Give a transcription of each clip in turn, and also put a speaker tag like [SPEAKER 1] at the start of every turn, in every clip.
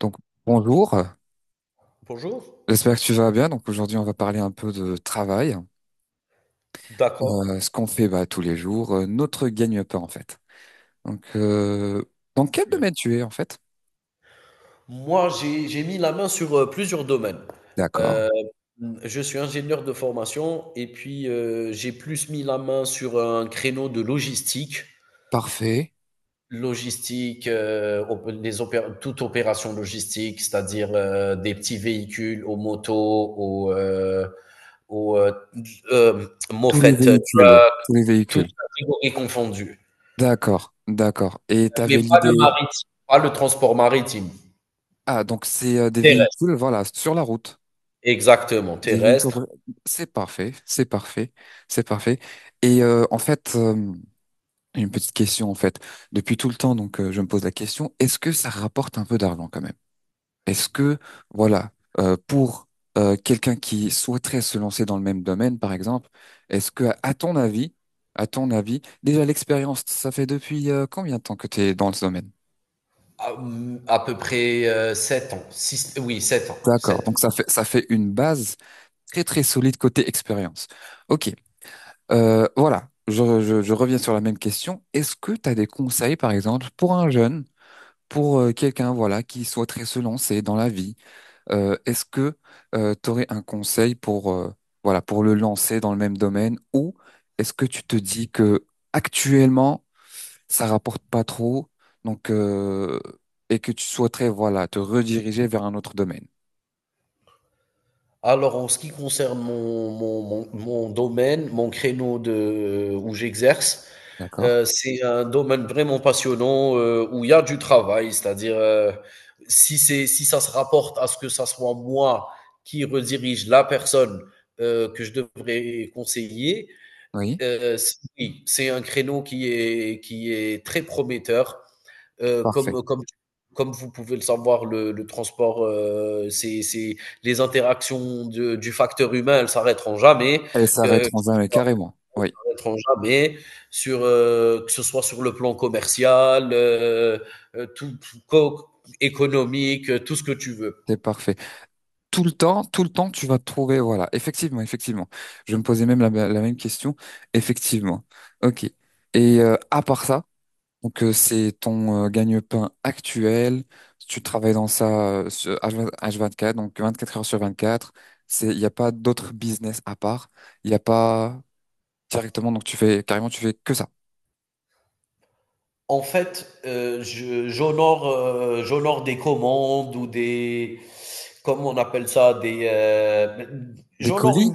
[SPEAKER 1] Donc, bonjour,
[SPEAKER 2] Bonjour.
[SPEAKER 1] j'espère que tu vas bien. Donc, aujourd'hui, on va parler un peu de travail.
[SPEAKER 2] D'accord.
[SPEAKER 1] Ce qu'on fait tous les jours, notre gagne-pain en fait. Donc, euh, dans
[SPEAKER 2] Très
[SPEAKER 1] quel
[SPEAKER 2] bien.
[SPEAKER 1] domaine tu es en fait?
[SPEAKER 2] Moi, j'ai mis la main sur, plusieurs domaines.
[SPEAKER 1] D'accord,
[SPEAKER 2] Heu, mmh, je suis ingénieur de formation et puis, j'ai plus mis la main sur un créneau de logistique.
[SPEAKER 1] parfait.
[SPEAKER 2] Logistique, op les opé toute opération logistique, c'est-à-dire, des petits véhicules aux motos, aux
[SPEAKER 1] Tous les
[SPEAKER 2] moffett
[SPEAKER 1] véhicules.
[SPEAKER 2] truck,
[SPEAKER 1] Tous les
[SPEAKER 2] toutes
[SPEAKER 1] véhicules.
[SPEAKER 2] catégories confondues,
[SPEAKER 1] D'accord, d'accord. Et tu
[SPEAKER 2] mais
[SPEAKER 1] avais
[SPEAKER 2] pas
[SPEAKER 1] l'idée.
[SPEAKER 2] le maritime, pas le transport maritime.
[SPEAKER 1] Ah, donc c'est des
[SPEAKER 2] Terrestre,
[SPEAKER 1] véhicules, voilà, sur la route.
[SPEAKER 2] exactement,
[SPEAKER 1] Des véhicules.
[SPEAKER 2] terrestre.
[SPEAKER 1] C'est parfait, c'est parfait, c'est parfait. Et en fait, une petite question en fait. Depuis tout le temps, je me pose la question, est-ce que ça rapporte un peu d'argent quand même? Est-ce que, voilà, pour quelqu'un qui souhaiterait se lancer dans le même domaine, par exemple, est-ce que, à ton avis, déjà l'expérience, ça fait depuis combien de temps que tu es dans ce domaine?
[SPEAKER 2] À, à peu près 7 ans. Oui, 7 ans.
[SPEAKER 1] D'accord,
[SPEAKER 2] Sept ans.
[SPEAKER 1] donc ça fait une base très très solide côté expérience. Ok, voilà, je reviens sur la même question. Est-ce que tu as des conseils, par exemple, pour un jeune? Pour quelqu'un voilà qui souhaiterait se lancer dans la vie, est-ce que tu aurais un conseil pour voilà pour le lancer dans le même domaine, ou est-ce que tu te dis que actuellement ça rapporte pas trop donc euh, et que tu souhaiterais voilà te rediriger vers un autre domaine?
[SPEAKER 2] Alors, en ce qui concerne mon domaine, mon créneau de, où j'exerce,
[SPEAKER 1] D'accord?
[SPEAKER 2] c'est un domaine vraiment passionnant, où il y a du travail. C'est-à-dire, si ça se rapporte à ce que ça soit moi qui redirige la personne que je devrais conseiller,
[SPEAKER 1] Oui,
[SPEAKER 2] oui, c'est un créneau qui est très prometteur. Euh,
[SPEAKER 1] parfait.
[SPEAKER 2] comme, comme, Comme vous pouvez le savoir, le transport, c'est les interactions du facteur humain, elles s'arrêteront jamais,
[SPEAKER 1] Elle s'arrête
[SPEAKER 2] que, que
[SPEAKER 1] en
[SPEAKER 2] ce
[SPEAKER 1] 20
[SPEAKER 2] soit,
[SPEAKER 1] carrément.
[SPEAKER 2] elles
[SPEAKER 1] Oui,
[SPEAKER 2] s'arrêteront jamais sur, que ce soit sur le plan commercial, euh, tout, tout- co- économique, tout ce que tu veux.
[SPEAKER 1] c'est parfait. Tout le temps, tu vas trouver, voilà, effectivement, effectivement. Je me posais même la même question, effectivement. Ok. Et à part ça, c'est ton gagne-pain actuel, tu travailles dans ça sur H20 H24, donc 24 heures sur 24. C'est, il n'y a pas d'autre business à part, il n'y a pas directement, donc tu fais, carrément, tu fais que ça.
[SPEAKER 2] En fait, j'honore, j'honore des commandes ou comment on appelle ça,
[SPEAKER 1] Des
[SPEAKER 2] j'honore
[SPEAKER 1] colis,
[SPEAKER 2] une,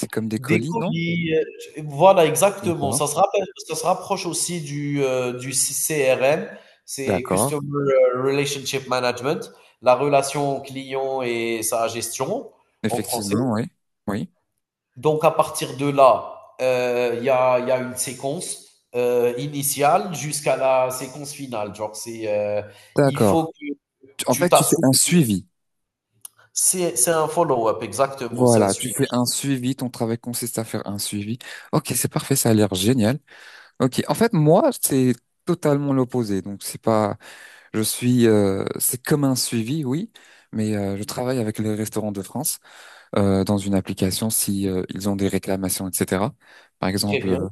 [SPEAKER 1] c'est comme des
[SPEAKER 2] des
[SPEAKER 1] colis, non?
[SPEAKER 2] colis, voilà, exactement,
[SPEAKER 1] D'accord,
[SPEAKER 2] ça se rapproche aussi du C CRM, c'est
[SPEAKER 1] d'accord,
[SPEAKER 2] Customer Relationship Management, la relation client et sa gestion en français.
[SPEAKER 1] effectivement, oui, oui.
[SPEAKER 2] Donc à partir de là, il y a une séquence, initiale jusqu'à la séquence finale. Genre il faut
[SPEAKER 1] D'accord.
[SPEAKER 2] que
[SPEAKER 1] En
[SPEAKER 2] tu
[SPEAKER 1] fait, tu fais
[SPEAKER 2] t'assures.
[SPEAKER 1] un suivi.
[SPEAKER 2] C'est un follow-up, exactement, c'est un
[SPEAKER 1] Voilà, tu
[SPEAKER 2] suivi.
[SPEAKER 1] fais un suivi, ton travail consiste à faire un suivi. Ok, c'est parfait, ça a l'air génial. Ok, en fait, moi, c'est totalement l'opposé. Donc, c'est pas, je suis, c'est comme un suivi, oui, mais je travaille avec les restaurants de France dans une application si ils ont des réclamations, etc. Par
[SPEAKER 2] Très
[SPEAKER 1] exemple,
[SPEAKER 2] bien,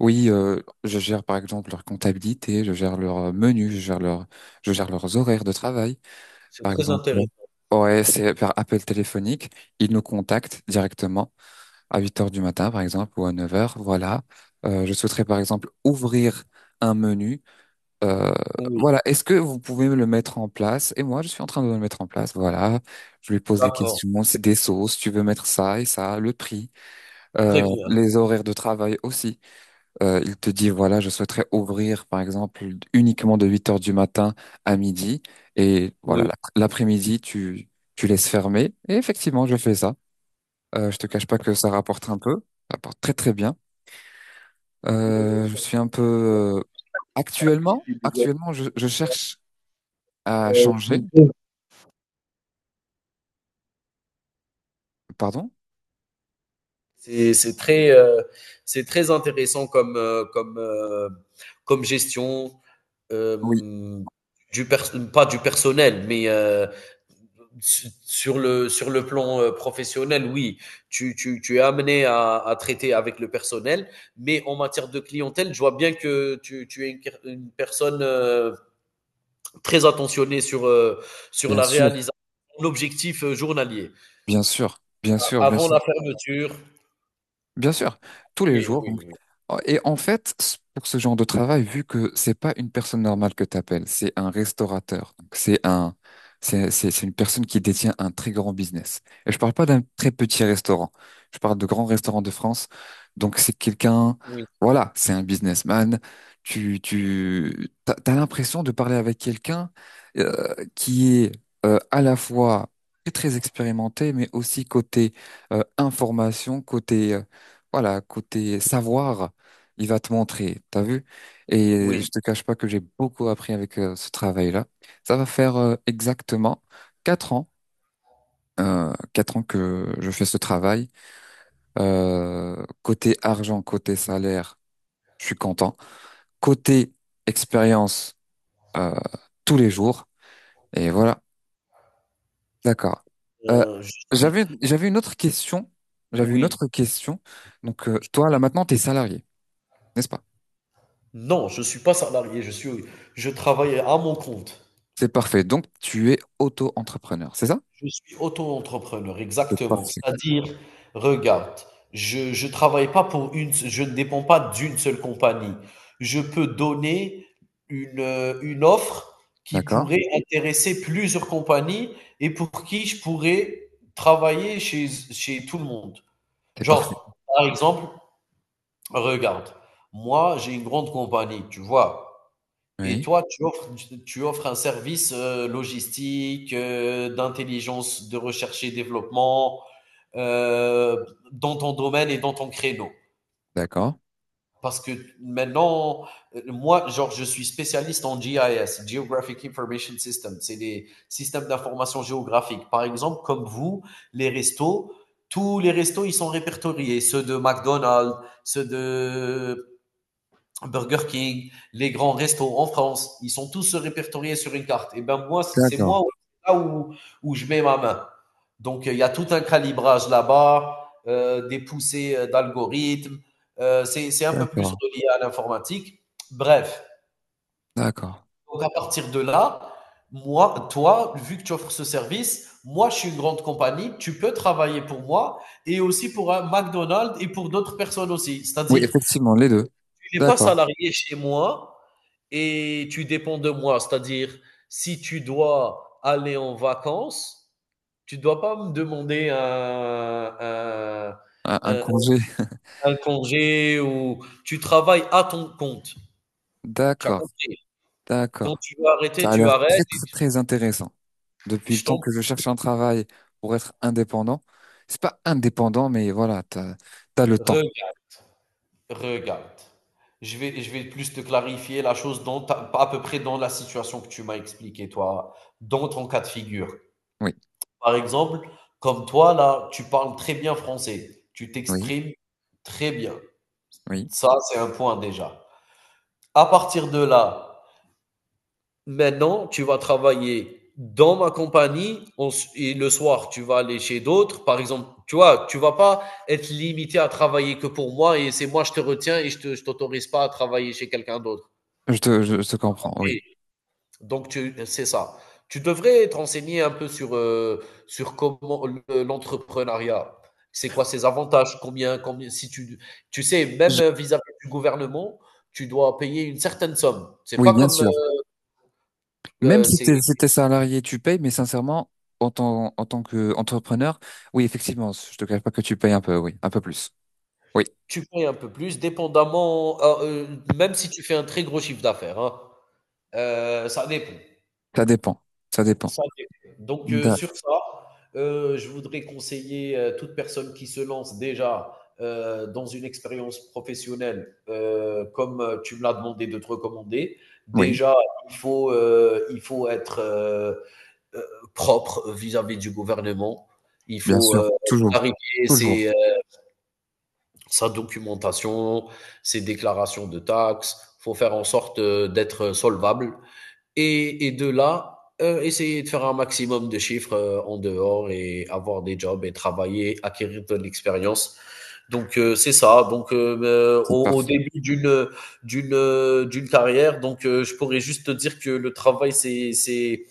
[SPEAKER 1] oui, je gère par exemple leur comptabilité, je gère leur menu, je gère je gère leurs horaires de travail.
[SPEAKER 2] c'est
[SPEAKER 1] Par
[SPEAKER 2] très
[SPEAKER 1] exemple,
[SPEAKER 2] intéressant.
[SPEAKER 1] ouais, c'est par appel téléphonique, ils nous contactent directement à 8 heures du matin, par exemple, ou à 9 heures. Voilà. Je souhaiterais, par exemple, ouvrir un menu. Euh,
[SPEAKER 2] Oui,
[SPEAKER 1] voilà. Est-ce que vous pouvez me le mettre en place? Et moi, je suis en train de le mettre en place. Voilà. Je lui pose les
[SPEAKER 2] d'accord,
[SPEAKER 1] questions. C'est des sauces. Tu veux mettre ça et ça, le prix,
[SPEAKER 2] très bien.
[SPEAKER 1] les horaires de travail aussi. Il te dit, voilà, je souhaiterais ouvrir, par exemple, uniquement de 8 heures du matin à midi. Et voilà,
[SPEAKER 2] Oui.
[SPEAKER 1] l'après-midi, tu laisses fermer. Et effectivement, je fais ça. Je te cache pas que ça rapporte un peu, ça rapporte très très bien. Je suis un peu euh, actuellement, actuellement, je cherche à changer. Pardon?
[SPEAKER 2] C'est très, c'est très intéressant comme, comme gestion.
[SPEAKER 1] Oui,
[SPEAKER 2] euh, Pas du personnel, mais sur le plan, professionnel, oui, tu es amené à traiter avec le personnel, mais en matière de clientèle, je vois bien que tu es une personne, très attentionnée sur, sur
[SPEAKER 1] bien
[SPEAKER 2] la
[SPEAKER 1] sûr,
[SPEAKER 2] réalisation, l'objectif, journalier.
[SPEAKER 1] bien sûr, bien sûr, bien
[SPEAKER 2] Avant
[SPEAKER 1] sûr.
[SPEAKER 2] la fermeture,
[SPEAKER 1] Bien sûr, tous les
[SPEAKER 2] oui,
[SPEAKER 1] jours.
[SPEAKER 2] oui,
[SPEAKER 1] Donc.
[SPEAKER 2] oui,
[SPEAKER 1] Oh, et en fait, pour ce genre de travail, vu que c'est pas une personne normale que t'appelles, c'est un restaurateur. Donc c'est une personne qui détient un très grand business. Et je parle pas d'un très petit restaurant. Je parle de grands restaurants de France. Donc c'est quelqu'un,
[SPEAKER 2] oui.
[SPEAKER 1] voilà, c'est un businessman. T'as l'impression de parler avec quelqu'un qui est à la fois très très expérimenté, mais aussi côté information, côté voilà, côté savoir, il va te montrer, t'as vu? Et je
[SPEAKER 2] Oui.
[SPEAKER 1] te cache pas que j'ai beaucoup appris avec ce travail-là. Ça va faire exactement 4 ans, 4 ans que je fais ce travail. Côté argent, côté salaire, je suis content. Côté expérience, euh, tous les jours. Et voilà, d'accord. Euh,
[SPEAKER 2] Je suis
[SPEAKER 1] j'avais une autre question. J'avais une
[SPEAKER 2] oui,
[SPEAKER 1] autre question. Donc, toi, là,
[SPEAKER 2] je
[SPEAKER 1] maintenant, t'es salarié, n'est-ce pas?
[SPEAKER 2] non, je suis pas salarié, je travaille à mon compte.
[SPEAKER 1] C'est parfait. Donc, tu es auto-entrepreneur, c'est ça?
[SPEAKER 2] Je suis auto-entrepreneur,
[SPEAKER 1] C'est
[SPEAKER 2] exactement.
[SPEAKER 1] parfait.
[SPEAKER 2] C'est-à-dire, regarde, je travaille pas pour une je ne dépends pas d'une seule compagnie. Je peux donner une offre qui
[SPEAKER 1] D'accord.
[SPEAKER 2] pourrait intéresser plusieurs compagnies et pour qui je pourrais travailler chez tout le monde.
[SPEAKER 1] C'est parfait.
[SPEAKER 2] Genre, par exemple, regarde, moi, j'ai une grande compagnie, tu vois? Et
[SPEAKER 1] Oui.
[SPEAKER 2] toi, tu offres un service, logistique, d'intelligence, de recherche et développement, euh, dans ton domaine et dans ton créneau.
[SPEAKER 1] D'accord.
[SPEAKER 2] Parce que maintenant, moi, genre, je suis spécialiste en GIS, Geographic Information System. C'est des systèmes d'information géographique. Par exemple, comme vous, les restos, tous les restos, ils sont répertoriés. Ceux de McDonald's, ceux de Burger King, les grands restos en France, ils sont tous répertoriés sur une carte. Et ben moi, c'est
[SPEAKER 1] D'accord.
[SPEAKER 2] moi là où je mets ma main. Donc il y a tout un calibrage là-bas, des poussées, d'algorithmes. C'est un peu plus
[SPEAKER 1] D'accord.
[SPEAKER 2] relié à l'informatique. Bref,
[SPEAKER 1] D'accord.
[SPEAKER 2] donc à partir de là, moi, toi, vu que tu offres ce service, moi, je suis une grande compagnie, tu peux travailler pour moi et aussi pour un McDonald's et pour d'autres personnes aussi.
[SPEAKER 1] Oui,
[SPEAKER 2] C'est-à-dire,
[SPEAKER 1] effectivement, les deux.
[SPEAKER 2] tu n'es pas
[SPEAKER 1] D'accord.
[SPEAKER 2] salarié chez moi, et tu dépends de moi. C'est-à-dire, si tu dois aller en vacances, tu ne dois pas me demander
[SPEAKER 1] Un
[SPEAKER 2] un-
[SPEAKER 1] congé.
[SPEAKER 2] un congé, ou tu travailles à ton compte. Tu as
[SPEAKER 1] D'accord.
[SPEAKER 2] compris. Quand
[SPEAKER 1] D'accord.
[SPEAKER 2] tu veux arrêter,
[SPEAKER 1] Ça a
[SPEAKER 2] tu
[SPEAKER 1] l'air
[SPEAKER 2] arrêtes.
[SPEAKER 1] très, très, très intéressant. Depuis le
[SPEAKER 2] Je
[SPEAKER 1] temps
[SPEAKER 2] t'en
[SPEAKER 1] que je cherche un travail pour être indépendant, c'est pas indépendant, mais voilà, t'as, t'as le temps.
[SPEAKER 2] regarde. Regarde. Je vais plus te clarifier la chose dans à peu près dans la situation que tu m'as expliqué, toi, dans ton cas de figure.
[SPEAKER 1] Oui.
[SPEAKER 2] Par exemple, comme toi là, tu parles très bien français, tu
[SPEAKER 1] Oui.
[SPEAKER 2] t'exprimes très bien.
[SPEAKER 1] Oui.
[SPEAKER 2] Ça, c'est un point déjà. À partir de là, maintenant, tu vas travailler dans ma compagnie et le soir, tu vas aller chez d'autres. Par exemple, tu vois, tu vas pas être limité à travailler que pour moi et c'est moi, je te retiens et je t'autorise pas à travailler chez quelqu'un d'autre.
[SPEAKER 1] Je te comprends.
[SPEAKER 2] OK.
[SPEAKER 1] Oui.
[SPEAKER 2] Donc, c'est ça. Tu devrais te renseigner un peu sur, sur comment l'entrepreneuriat, c'est quoi ses avantages, combien, si tu, tu sais, même
[SPEAKER 1] Je-
[SPEAKER 2] vis-à-vis du gouvernement, tu dois payer une certaine somme. C'est
[SPEAKER 1] oui,
[SPEAKER 2] pas
[SPEAKER 1] bien
[SPEAKER 2] comme,
[SPEAKER 1] sûr. Même
[SPEAKER 2] euh,
[SPEAKER 1] si
[SPEAKER 2] c'est,
[SPEAKER 1] t'es, si t'es salarié, tu payes, mais sincèrement, en tant qu'entrepreneur, oui, effectivement, je te cache pas que tu payes un peu, oui, un peu plus. Oui,
[SPEAKER 2] tu payes un peu plus, dépendamment, même si tu fais un très gros chiffre d'affaires, hein. Ça dépend.
[SPEAKER 1] ça dépend, ça dépend.
[SPEAKER 2] Ça dépend. Donc,
[SPEAKER 1] Da-
[SPEAKER 2] sur ça, je voudrais conseiller, toute personne qui se lance déjà, dans une expérience professionnelle, tu me l'as demandé de te recommander.
[SPEAKER 1] oui,
[SPEAKER 2] Déjà, il faut être, heu, propre vis-à-vis du gouvernement. Il
[SPEAKER 1] bien
[SPEAKER 2] faut,
[SPEAKER 1] sûr, toujours,
[SPEAKER 2] clarifier
[SPEAKER 1] toujours.
[SPEAKER 2] sa documentation, ses déclarations de taxes. Il faut faire en sorte, d'être solvable et de là, essayer de faire un maximum de chiffres, en dehors, et avoir des jobs et travailler, acquérir de l'expérience. Donc c'est ça. Donc
[SPEAKER 1] C'est
[SPEAKER 2] au
[SPEAKER 1] parfait.
[SPEAKER 2] début d'une d'une carrière, donc je pourrais juste te dire que le travail c'est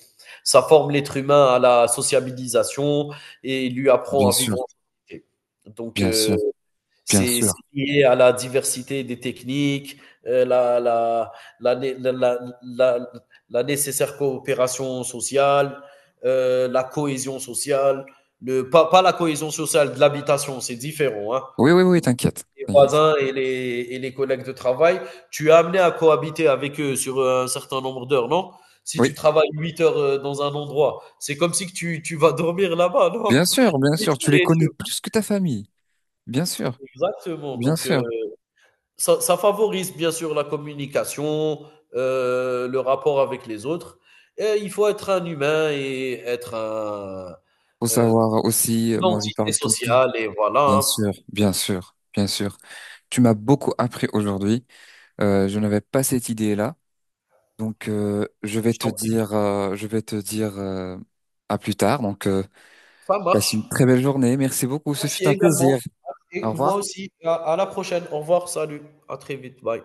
[SPEAKER 2] ça forme l'être humain à la sociabilisation et lui apprend
[SPEAKER 1] Bien
[SPEAKER 2] à
[SPEAKER 1] sûr,
[SPEAKER 2] vivre en société. Donc
[SPEAKER 1] bien sûr, bien
[SPEAKER 2] c'est
[SPEAKER 1] sûr.
[SPEAKER 2] lié à la diversité des techniques, la, la, la, né- la- la nécessaire coopération sociale, la cohésion sociale, le, pas, pas la cohésion sociale de l'habitation, c'est différent. Hein.
[SPEAKER 1] Oui, oui, oui, t'inquiète.
[SPEAKER 2] Les
[SPEAKER 1] T'inquiète.
[SPEAKER 2] voisins et les collègues de travail, tu as amené à cohabiter avec eux sur, un certain nombre d'heures, non? Si
[SPEAKER 1] Oui,
[SPEAKER 2] tu travailles 8 heures, dans un endroit, c'est comme si que tu vas dormir là-bas, non?
[SPEAKER 1] bien
[SPEAKER 2] 8
[SPEAKER 1] sûr, tu
[SPEAKER 2] heures
[SPEAKER 1] les
[SPEAKER 2] et
[SPEAKER 1] connais
[SPEAKER 2] tu...
[SPEAKER 1] plus que ta famille. Bien sûr,
[SPEAKER 2] Exactement.
[SPEAKER 1] bien
[SPEAKER 2] Donc,
[SPEAKER 1] sûr.
[SPEAKER 2] ça, ça favorise bien sûr la communication, le rapport avec les autres. Et il faut être un humain et être un,
[SPEAKER 1] Faut
[SPEAKER 2] euh,
[SPEAKER 1] savoir aussi,
[SPEAKER 2] une
[SPEAKER 1] moi, je lui
[SPEAKER 2] entité
[SPEAKER 1] parle tout le temps.
[SPEAKER 2] sociale. Et voilà,
[SPEAKER 1] Bien
[SPEAKER 2] hein.
[SPEAKER 1] sûr, bien sûr, bien sûr. Tu m'as beaucoup appris aujourd'hui. Je n'avais pas cette idée-là. Donc,
[SPEAKER 2] Je t'en prie.
[SPEAKER 1] je vais te dire à plus tard. Donc,
[SPEAKER 2] Ça
[SPEAKER 1] passe
[SPEAKER 2] marche.
[SPEAKER 1] une très belle journée. Merci beaucoup. Ce fut
[SPEAKER 2] Merci
[SPEAKER 1] un
[SPEAKER 2] également.
[SPEAKER 1] plaisir.
[SPEAKER 2] Et
[SPEAKER 1] Au
[SPEAKER 2] moi
[SPEAKER 1] revoir.
[SPEAKER 2] aussi. À- à la prochaine. Au revoir. Salut. À très vite. Bye.